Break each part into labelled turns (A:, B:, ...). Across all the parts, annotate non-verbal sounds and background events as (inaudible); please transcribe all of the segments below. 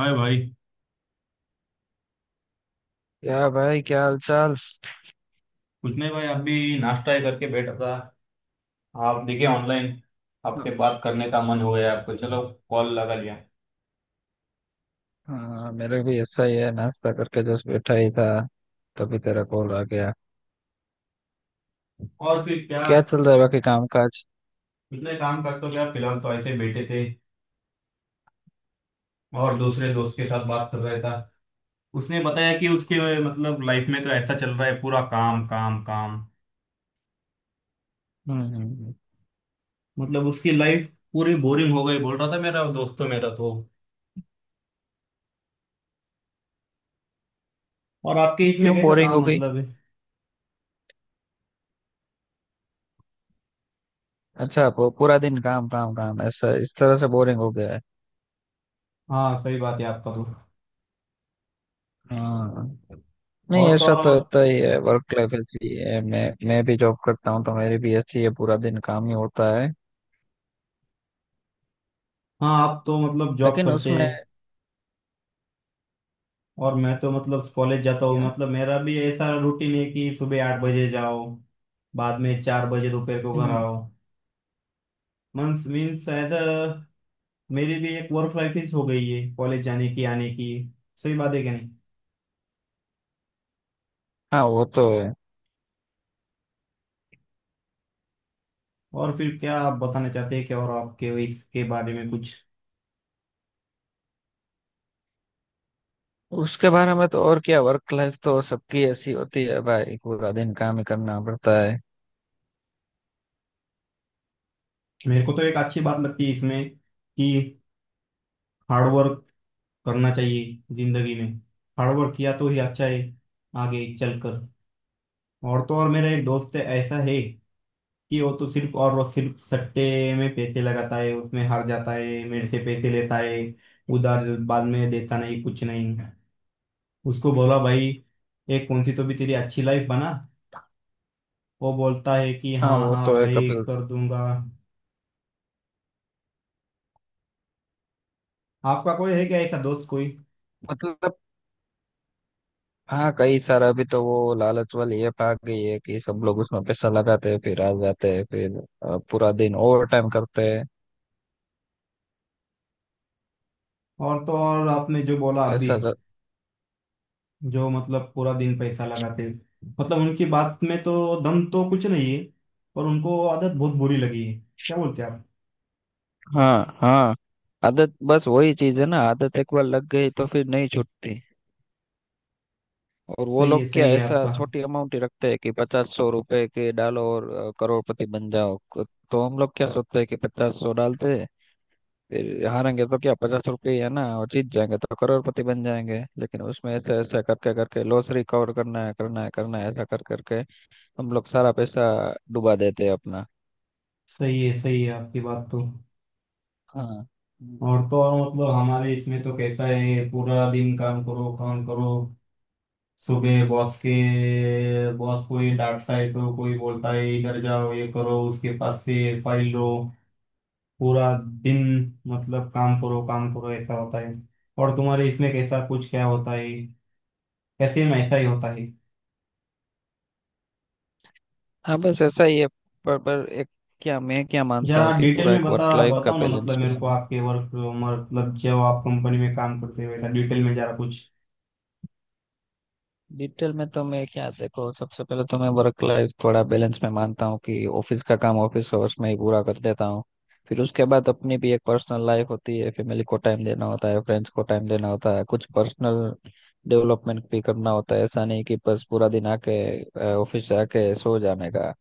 A: हाय भाई।
B: क्या भाई, क्या हाल चाल।
A: कुछ नहीं भाई, आप भी? नाश्ता ही करके बैठा था। आप दिखे ऑनलाइन, आपसे बात करने का मन हो गया आपको, चलो कॉल लगा लिया।
B: हाँ, मेरे भी ऐसा ही है, नाश्ता करके जस्ट बैठा ही था, तभी तेरा कॉल आ गया।
A: और फिर क्या,
B: क्या चल रहा है बाकी काम काज।
A: इतने काम करते हो क्या? फिलहाल तो ऐसे बैठे थे, और दूसरे दोस्त के साथ बात कर रहा था। उसने बताया कि उसके लाइफ में तो ऐसा चल रहा है, पूरा काम काम काम।
B: हम्म हम्म।
A: उसकी लाइफ पूरी बोरिंग हो गई, बोल रहा था मेरा दोस्त तो, मेरा तो। और आपके इसमें
B: क्यों
A: कैसा
B: बोरिंग हो
A: काम
B: गई।
A: है?
B: अच्छा, पूरा दिन काम काम काम ऐसा इस तरह से बोरिंग हो गया है।
A: हाँ सही बात है आपका तो।
B: हाँ। नहीं,
A: और तो
B: ऐसा
A: और
B: तो
A: आप,
B: होता ही है, वर्क लाइफ ऐसी है। मैं भी जॉब करता हूँ तो मेरी भी ऐसी है, पूरा दिन काम ही होता है,
A: हाँ आप तो जॉब
B: लेकिन
A: करते
B: उसमें
A: हैं, और मैं तो कॉलेज जाता हूँ।
B: क्या।
A: मेरा भी ऐसा रूटीन है कि सुबह 8 बजे जाओ, बाद में 4 बजे दोपहर को घर
B: हम्म।
A: आओ। मंस मीन्स शायद अ, मेरी भी एक वर्क लाइफ हो गई है कॉलेज जाने की आने की। सही बात है क्या नहीं?
B: हाँ वो तो है।
A: और फिर क्या, आप बताना चाहते हैं क्या और आपके इसके बारे में कुछ?
B: उसके बारे में तो और क्या, वर्क लाइफ तो सबकी ऐसी होती है भाई, पूरा दिन काम ही करना पड़ता है।
A: मेरे को तो एक अच्छी बात लगती है इसमें, कि हार्ड वर्क करना चाहिए जिंदगी में। हार्ड वर्क किया तो ही अच्छा है आगे चलकर। और तो और, मेरा एक दोस्त है, ऐसा है कि वो सिर्फ सट्टे में पैसे लगाता है, उसमें हार जाता है, मेरे से पैसे लेता है उधार, बाद में देता नहीं, कुछ नहीं। उसको बोला भाई, एक कौन सी तो भी तेरी अच्छी लाइफ बना। वो बोलता है कि
B: हाँ
A: हाँ
B: वो
A: हाँ
B: तो है
A: भाई,
B: कभी।
A: कर दूंगा। आपका कोई है क्या ऐसा दोस्त कोई?
B: मतलब, हाँ, कई सारा, अभी तो वो लालच वाली ऐप आ गई है कि सब लोग उसमें पैसा लगाते हैं, फिर आ जाते हैं, फिर पूरा दिन ओवर टाइम करते हैं।
A: और तो और, आपने जो बोला आप भी,
B: ऐसा सा-
A: जो पूरा दिन पैसा लगाते हैं। उनकी बात में तो दम तो कुछ नहीं है, पर उनको आदत बहुत बुरी लगी है। क्या बोलते हैं आप?
B: हाँ हाँ। आदत बस वही चीज है ना, आदत एक बार लग गई तो फिर नहीं छूटती। और वो लोग क्या
A: सही है
B: ऐसा
A: आपका।
B: छोटी अमाउंट ही रखते हैं कि 50-100 रुपए के डालो और करोड़पति बन जाओ। तो हम लोग क्या सोचते हैं कि 50-100 डालते हैं, फिर हारेंगे तो क्या 50 रुपये ही है ना, और जीत जाएंगे तो करोड़पति बन जाएंगे, लेकिन उसमें ऐसा ऐसा करके करके लॉस रिकवर करना है करना है करना है ऐसा कर करके हम लोग सारा पैसा डुबा देते हैं अपना।
A: सही है आपकी बात तो।
B: हाँ
A: और तो और, हमारे इसमें तो कैसा है, पूरा दिन काम करो काम करो। सुबह बॉस के बॉस कोई डांटता है तो कोई बोलता है इधर जाओ, ये करो, उसके पास से फाइल लो। पूरा दिन काम करो काम करो, ऐसा होता है। और तुम्हारे इसमें कैसा कुछ क्या होता है? कैसे में ऐसा ही होता है?
B: हाँ, बस ऐसा ही है। पर एक क्या, मैं क्या मानता
A: जरा
B: हूँ कि
A: डिटेल
B: पूरा
A: में
B: एक वर्क लाइफ का
A: बताओ ना,
B: बैलेंस भी
A: मेरे को
B: होना।
A: आपके वर्क जब आप कंपनी में काम करते हो, ऐसा डिटेल में जरा कुछ।
B: डिटेल में तो मैं क्या, देखो, सबसे पहले तो मैं वर्क लाइफ थोड़ा बैलेंस में मानता हूँ, कि ऑफिस का काम ऑफिस आवर्स में ही पूरा कर देता हूँ। फिर उसके बाद अपनी भी एक पर्सनल लाइफ होती है, फैमिली को टाइम देना होता है, फ्रेंड्स को टाइम देना होता है, कुछ पर्सनल डेवलपमेंट भी करना होता है। ऐसा नहीं कि बस पूरा दिन आके ऑफिस से आके सो जाने का,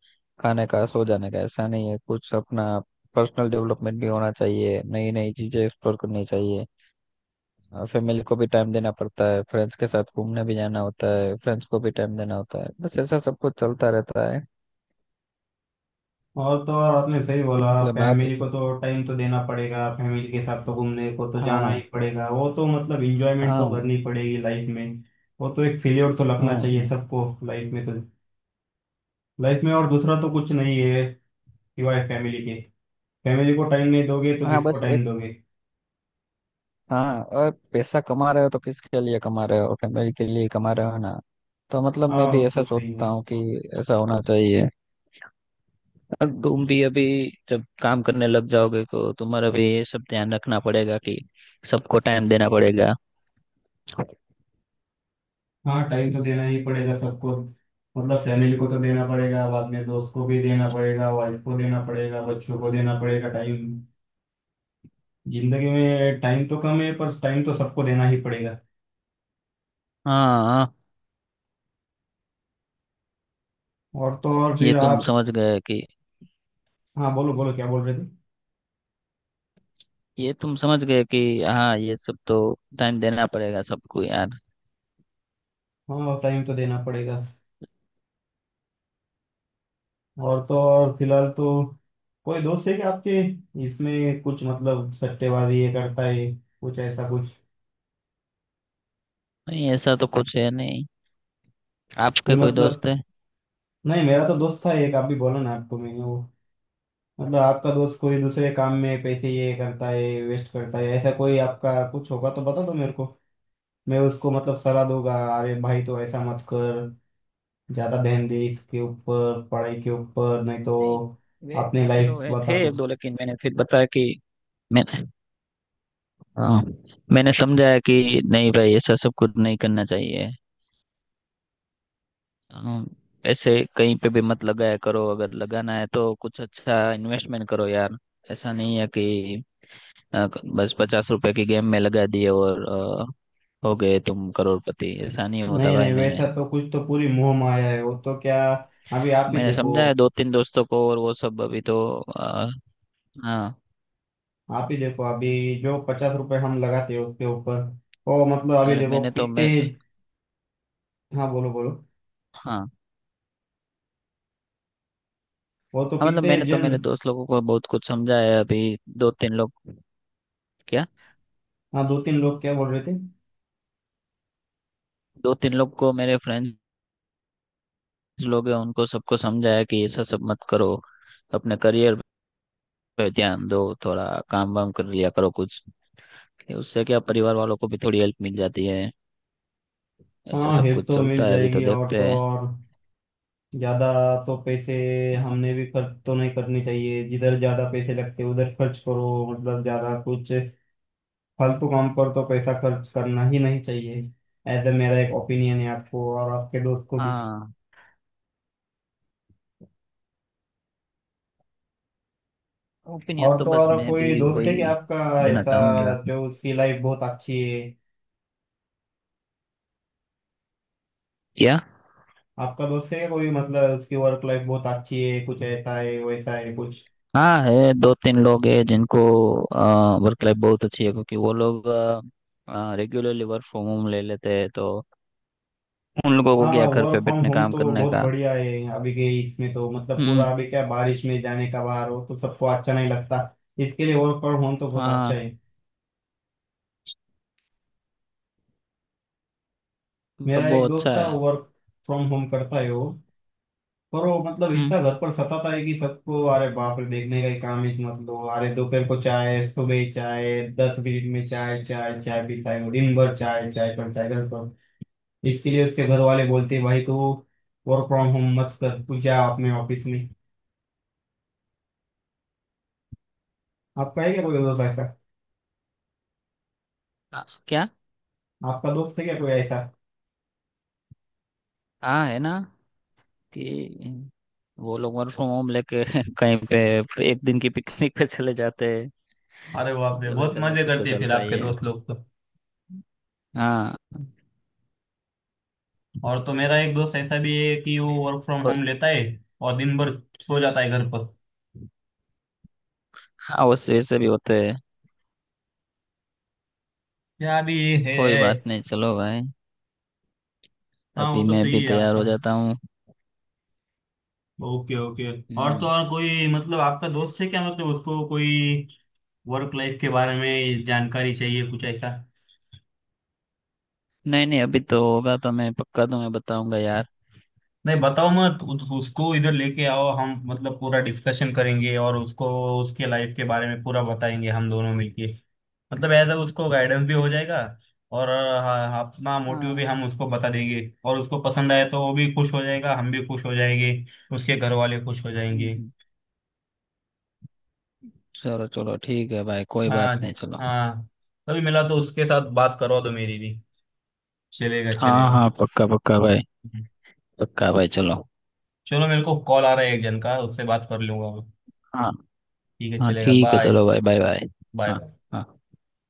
B: खाने का, सो जाने का, ऐसा नहीं है। कुछ अपना पर्सनल डेवलपमेंट भी होना चाहिए, नई नई चीजें एक्सप्लोर करनी चाहिए। और फैमिली को भी टाइम देना पड़ता है, फ्रेंड्स के साथ घूमने भी जाना होता है, फ्रेंड्स को भी टाइम देना होता है। बस ऐसा सब कुछ चलता रहता है।
A: और तो और, आपने सही बोला,
B: मतलब आप।
A: फैमिली को तो टाइम तो देना पड़ेगा, फैमिली के साथ तो घूमने को तो जाना ही
B: हाँ।
A: पड़ेगा। वो तो इंजॉयमेंट तो
B: हाँ।
A: करनी पड़ेगी लाइफ में। वो तो एक फेलियर तो लगना
B: हाँ।
A: चाहिए
B: हाँ।
A: सबको लाइफ में तो। लाइफ में और दूसरा तो कुछ नहीं है सिवाय फैमिली के। फैमिली को टाइम नहीं दोगे तो
B: हाँ,
A: किसको
B: बस एक।
A: टाइम दोगे?
B: हाँ, और पैसा कमा रहे हो तो किसके लिए कमा रहे हो, फैमिली के लिए कमा रहे हो ना। तो मतलब मैं
A: हाँ
B: भी
A: वो
B: ऐसा
A: तो सही है।
B: सोचता हूँ कि ऐसा होना चाहिए। और तुम भी अभी, जब काम करने लग जाओगे तो तुम्हारा भी ये सब ध्यान रखना पड़ेगा कि सबको टाइम देना पड़ेगा।
A: हाँ टाइम तो देना ही पड़ेगा सबको। फैमिली को तो देना पड़ेगा, बाद में दोस्त को भी देना पड़ेगा, वाइफ को देना पड़ेगा, बच्चों को देना पड़ेगा टाइम। जिंदगी में टाइम तो कम है, पर टाइम तो सबको देना ही पड़ेगा।
B: हाँ हाँ।
A: और तो और
B: ये
A: फिर
B: तुम
A: आप,
B: समझ गए कि।
A: हाँ बोलो बोलो, क्या बोल रहे थे?
B: ये तुम समझ गए कि हाँ, ये सब तो टाइम देना पड़ेगा सबको यार।
A: हाँ टाइम तो देना पड़ेगा। और तो और फिलहाल तो, कोई दोस्त है क्या आपके इसमें कुछ? सट्टेबाजी ये करता है कुछ, ऐसा कुछ?
B: नहीं, ऐसा तो कुछ है नहीं।
A: फिर
B: आपके कोई दोस्त है।
A: नहीं, मेरा तो दोस्त था एक, आप भी बोला ना आपको मैंने वो। आपका दोस्त कोई दूसरे काम में पैसे ये करता है, वेस्ट करता है, ऐसा कोई आपका कुछ होगा तो बता दो मेरे को। मैं उसको सलाह दूंगा, अरे भाई तो ऐसा मत कर, ज्यादा ध्यान दे इसके ऊपर, पढ़ाई के ऊपर, नहीं तो
B: नहीं। वे,
A: अपनी
B: ऐसे तो
A: लाइफ
B: है थे
A: बता
B: एक
A: कुछ।
B: दो, लेकिन मैंने फिर बताया कि मैंने हाँ, मैंने समझाया कि नहीं भाई ऐसा सब कुछ नहीं करना चाहिए। हाँ, ऐसे कहीं पे भी मत लगाया करो, अगर लगाना है तो कुछ अच्छा इन्वेस्टमेंट करो यार। ऐसा नहीं है कि अ, बस 50 रुपए की गेम में लगा दिए और हो गए तुम करोड़पति। ऐसा नहीं होता
A: नहीं
B: भाई।
A: नहीं
B: मैंने
A: वैसा तो कुछ, तो पूरी मोह माया है वो तो क्या। अभी आप ही
B: मैंने
A: देखो,
B: समझा है दो तीन दोस्तों को और वो सब अभी तो आ, हाँ।
A: आप ही देखो अभी, जो 50 रुपए हम लगाते हैं उसके ऊपर, वो अभी
B: मतलब
A: देखो
B: मैंने तो
A: कितने।
B: मैं
A: हाँ बोलो बोलो,
B: हाँ
A: वो तो
B: हाँ, मतलब
A: कितने
B: मैंने तो
A: जन।
B: मेरे दोस्त लोगों को बहुत कुछ समझाया है। अभी दो तीन लोग क्या।
A: हाँ दो तीन लोग क्या बोल रहे थे?
B: दो तीन लोग को, मेरे फ्रेंड्स लोग हैं, उनको सबको समझाया कि ऐसा सब मत करो, अपने करियर पे ध्यान दो थोड़ा, काम वाम कर लिया करो कुछ, कि उससे क्या परिवार वालों को भी थोड़ी हेल्प मिल जाती है। ऐसा
A: हाँ
B: सब
A: हेल्प
B: कुछ
A: तो मिल
B: चलता है, अभी तो
A: जाएगी। और
B: देखते
A: तो
B: हैं।
A: और, ज्यादा तो पैसे हमने भी खर्च तो नहीं करने चाहिए। जिधर ज्यादा पैसे लगते उधर खर्च करो, ज्यादा कुछ फालतू काम पर तो पैसा खर्च करना ही नहीं चाहिए। ऐसा मेरा एक ओपिनियन है आपको और आपके दोस्त को भी।
B: हाँ। ओपिनियन
A: और
B: तो
A: तो
B: बस
A: और
B: मैं भी
A: कोई दोस्त है कि
B: वही
A: आपका
B: देना
A: ऐसा,
B: चाहूंगा।
A: जो उसकी लाइफ बहुत अच्छी है?
B: क्या।
A: आपका दोस्त है क्या कोई, उसकी वर्क लाइफ बहुत अच्छी है, कुछ ऐसा है वैसा है कुछ?
B: हाँ है, दो तीन लोग हैं जिनको वर्क लाइफ बहुत अच्छी है, क्योंकि वो लोग रेगुलरली वर्क फ्रॉम होम ले लेते हैं, तो उन लोगों को
A: हाँ
B: क्या घर पे
A: वर्क फ्रॉम
B: बैठने
A: होम
B: काम
A: तो
B: करने
A: बहुत
B: का।
A: बढ़िया है अभी के इसमें तो। पूरा
B: हम्म।
A: अभी क्या, बारिश में जाने का बाहर हो तो सबको अच्छा नहीं लगता। इसके लिए वर्क फ्रॉम होम तो बहुत अच्छा
B: हाँ,
A: है। मेरा
B: मतलब वो
A: एक दोस्त
B: अच्छा
A: था,
B: है।
A: वर्क फ्रॉम होम करता है वो, पर वो
B: हम्म।
A: इतना घर पर सताता है कि सबको अरे बाप रे देखने का ही काम है। अरे दोपहर को चाय, सुबह ही चाय, 10 मिनट में चाय चाय चाय पीता है वो, दिन भर चाय चाय करता है घर पर। इसके लिए उसके घर वाले बोलते हैं, भाई तू वर्क फ्रॉम होम मत कर, तू जा अपने ऑफिस में। आपका है क्या कोई दोस्त ऐसा?
B: क्या।
A: आपका दोस्त है क्या कोई ऐसा?
B: हाँ है ना, कि वो लोग वर्क फ्रॉम होम लेके (laughs) कहीं पे एक दिन की पिकनिक पे चले जाते हैं।
A: अरे बाप रे,
B: मतलब
A: बहुत
B: ऐसा सब
A: मजे
B: कुछ तो
A: करते हैं फिर
B: चलता ही
A: आपके
B: है।
A: दोस्त लोग तो।
B: हाँ।
A: और तो मेरा एक दोस्त ऐसा भी है कि वो वर्क फ्रॉम
B: कोई।
A: होम लेता है और दिन भर सो जाता है घर पर।
B: हाँ, वैसे वैसे भी होते हैं।
A: क्या भी है,
B: कोई बात
A: है।
B: नहीं, चलो भाई।
A: हाँ वो
B: अभी
A: तो
B: मैं
A: सही
B: भी
A: है
B: तैयार
A: आपका।
B: हो जाता हूँ।
A: Okay okay. और तो
B: हम्म।
A: और, कोई आपका दोस्त है क्या, उसको कोई वर्क लाइफ के बारे में जानकारी चाहिए, कुछ ऐसा?
B: नहीं नहीं, अभी तो होगा तो मैं पक्का तुम्हें बताऊंगा यार।
A: नहीं बताओ मत, उसको इधर लेके आओ, हम पूरा डिस्कशन करेंगे और उसको उसके लाइफ के बारे में पूरा बताएंगे हम दोनों मिलके। एज उसको गाइडेंस भी हो जाएगा। और हाँ, अपना मोटिव भी
B: हाँ।
A: हम उसको बता देंगे, और उसको पसंद आए तो वो भी खुश हो जाएगा, हम भी खुश हो जाएंगे, उसके घर वाले खुश हो जाएंगे।
B: हम्म, चलो चलो ठीक है भाई, कोई बात
A: हाँ
B: नहीं, चलो।
A: हाँ। कभी मिला तो उसके साथ बात करवा दो मेरी भी। चलेगा
B: हाँ
A: चलेगा।
B: हाँ, पक्का पक्का भाई। पक्का भाई चलो।
A: चलो, मेरे को कॉल आ रहा है एक जन का, उससे बात कर लूंगा मैं।
B: हाँ
A: ठीक है
B: हाँ
A: चलेगा,
B: ठीक है,
A: बाय
B: चलो भाई, बाय बाय। हाँ।
A: बाय।
B: हाँ।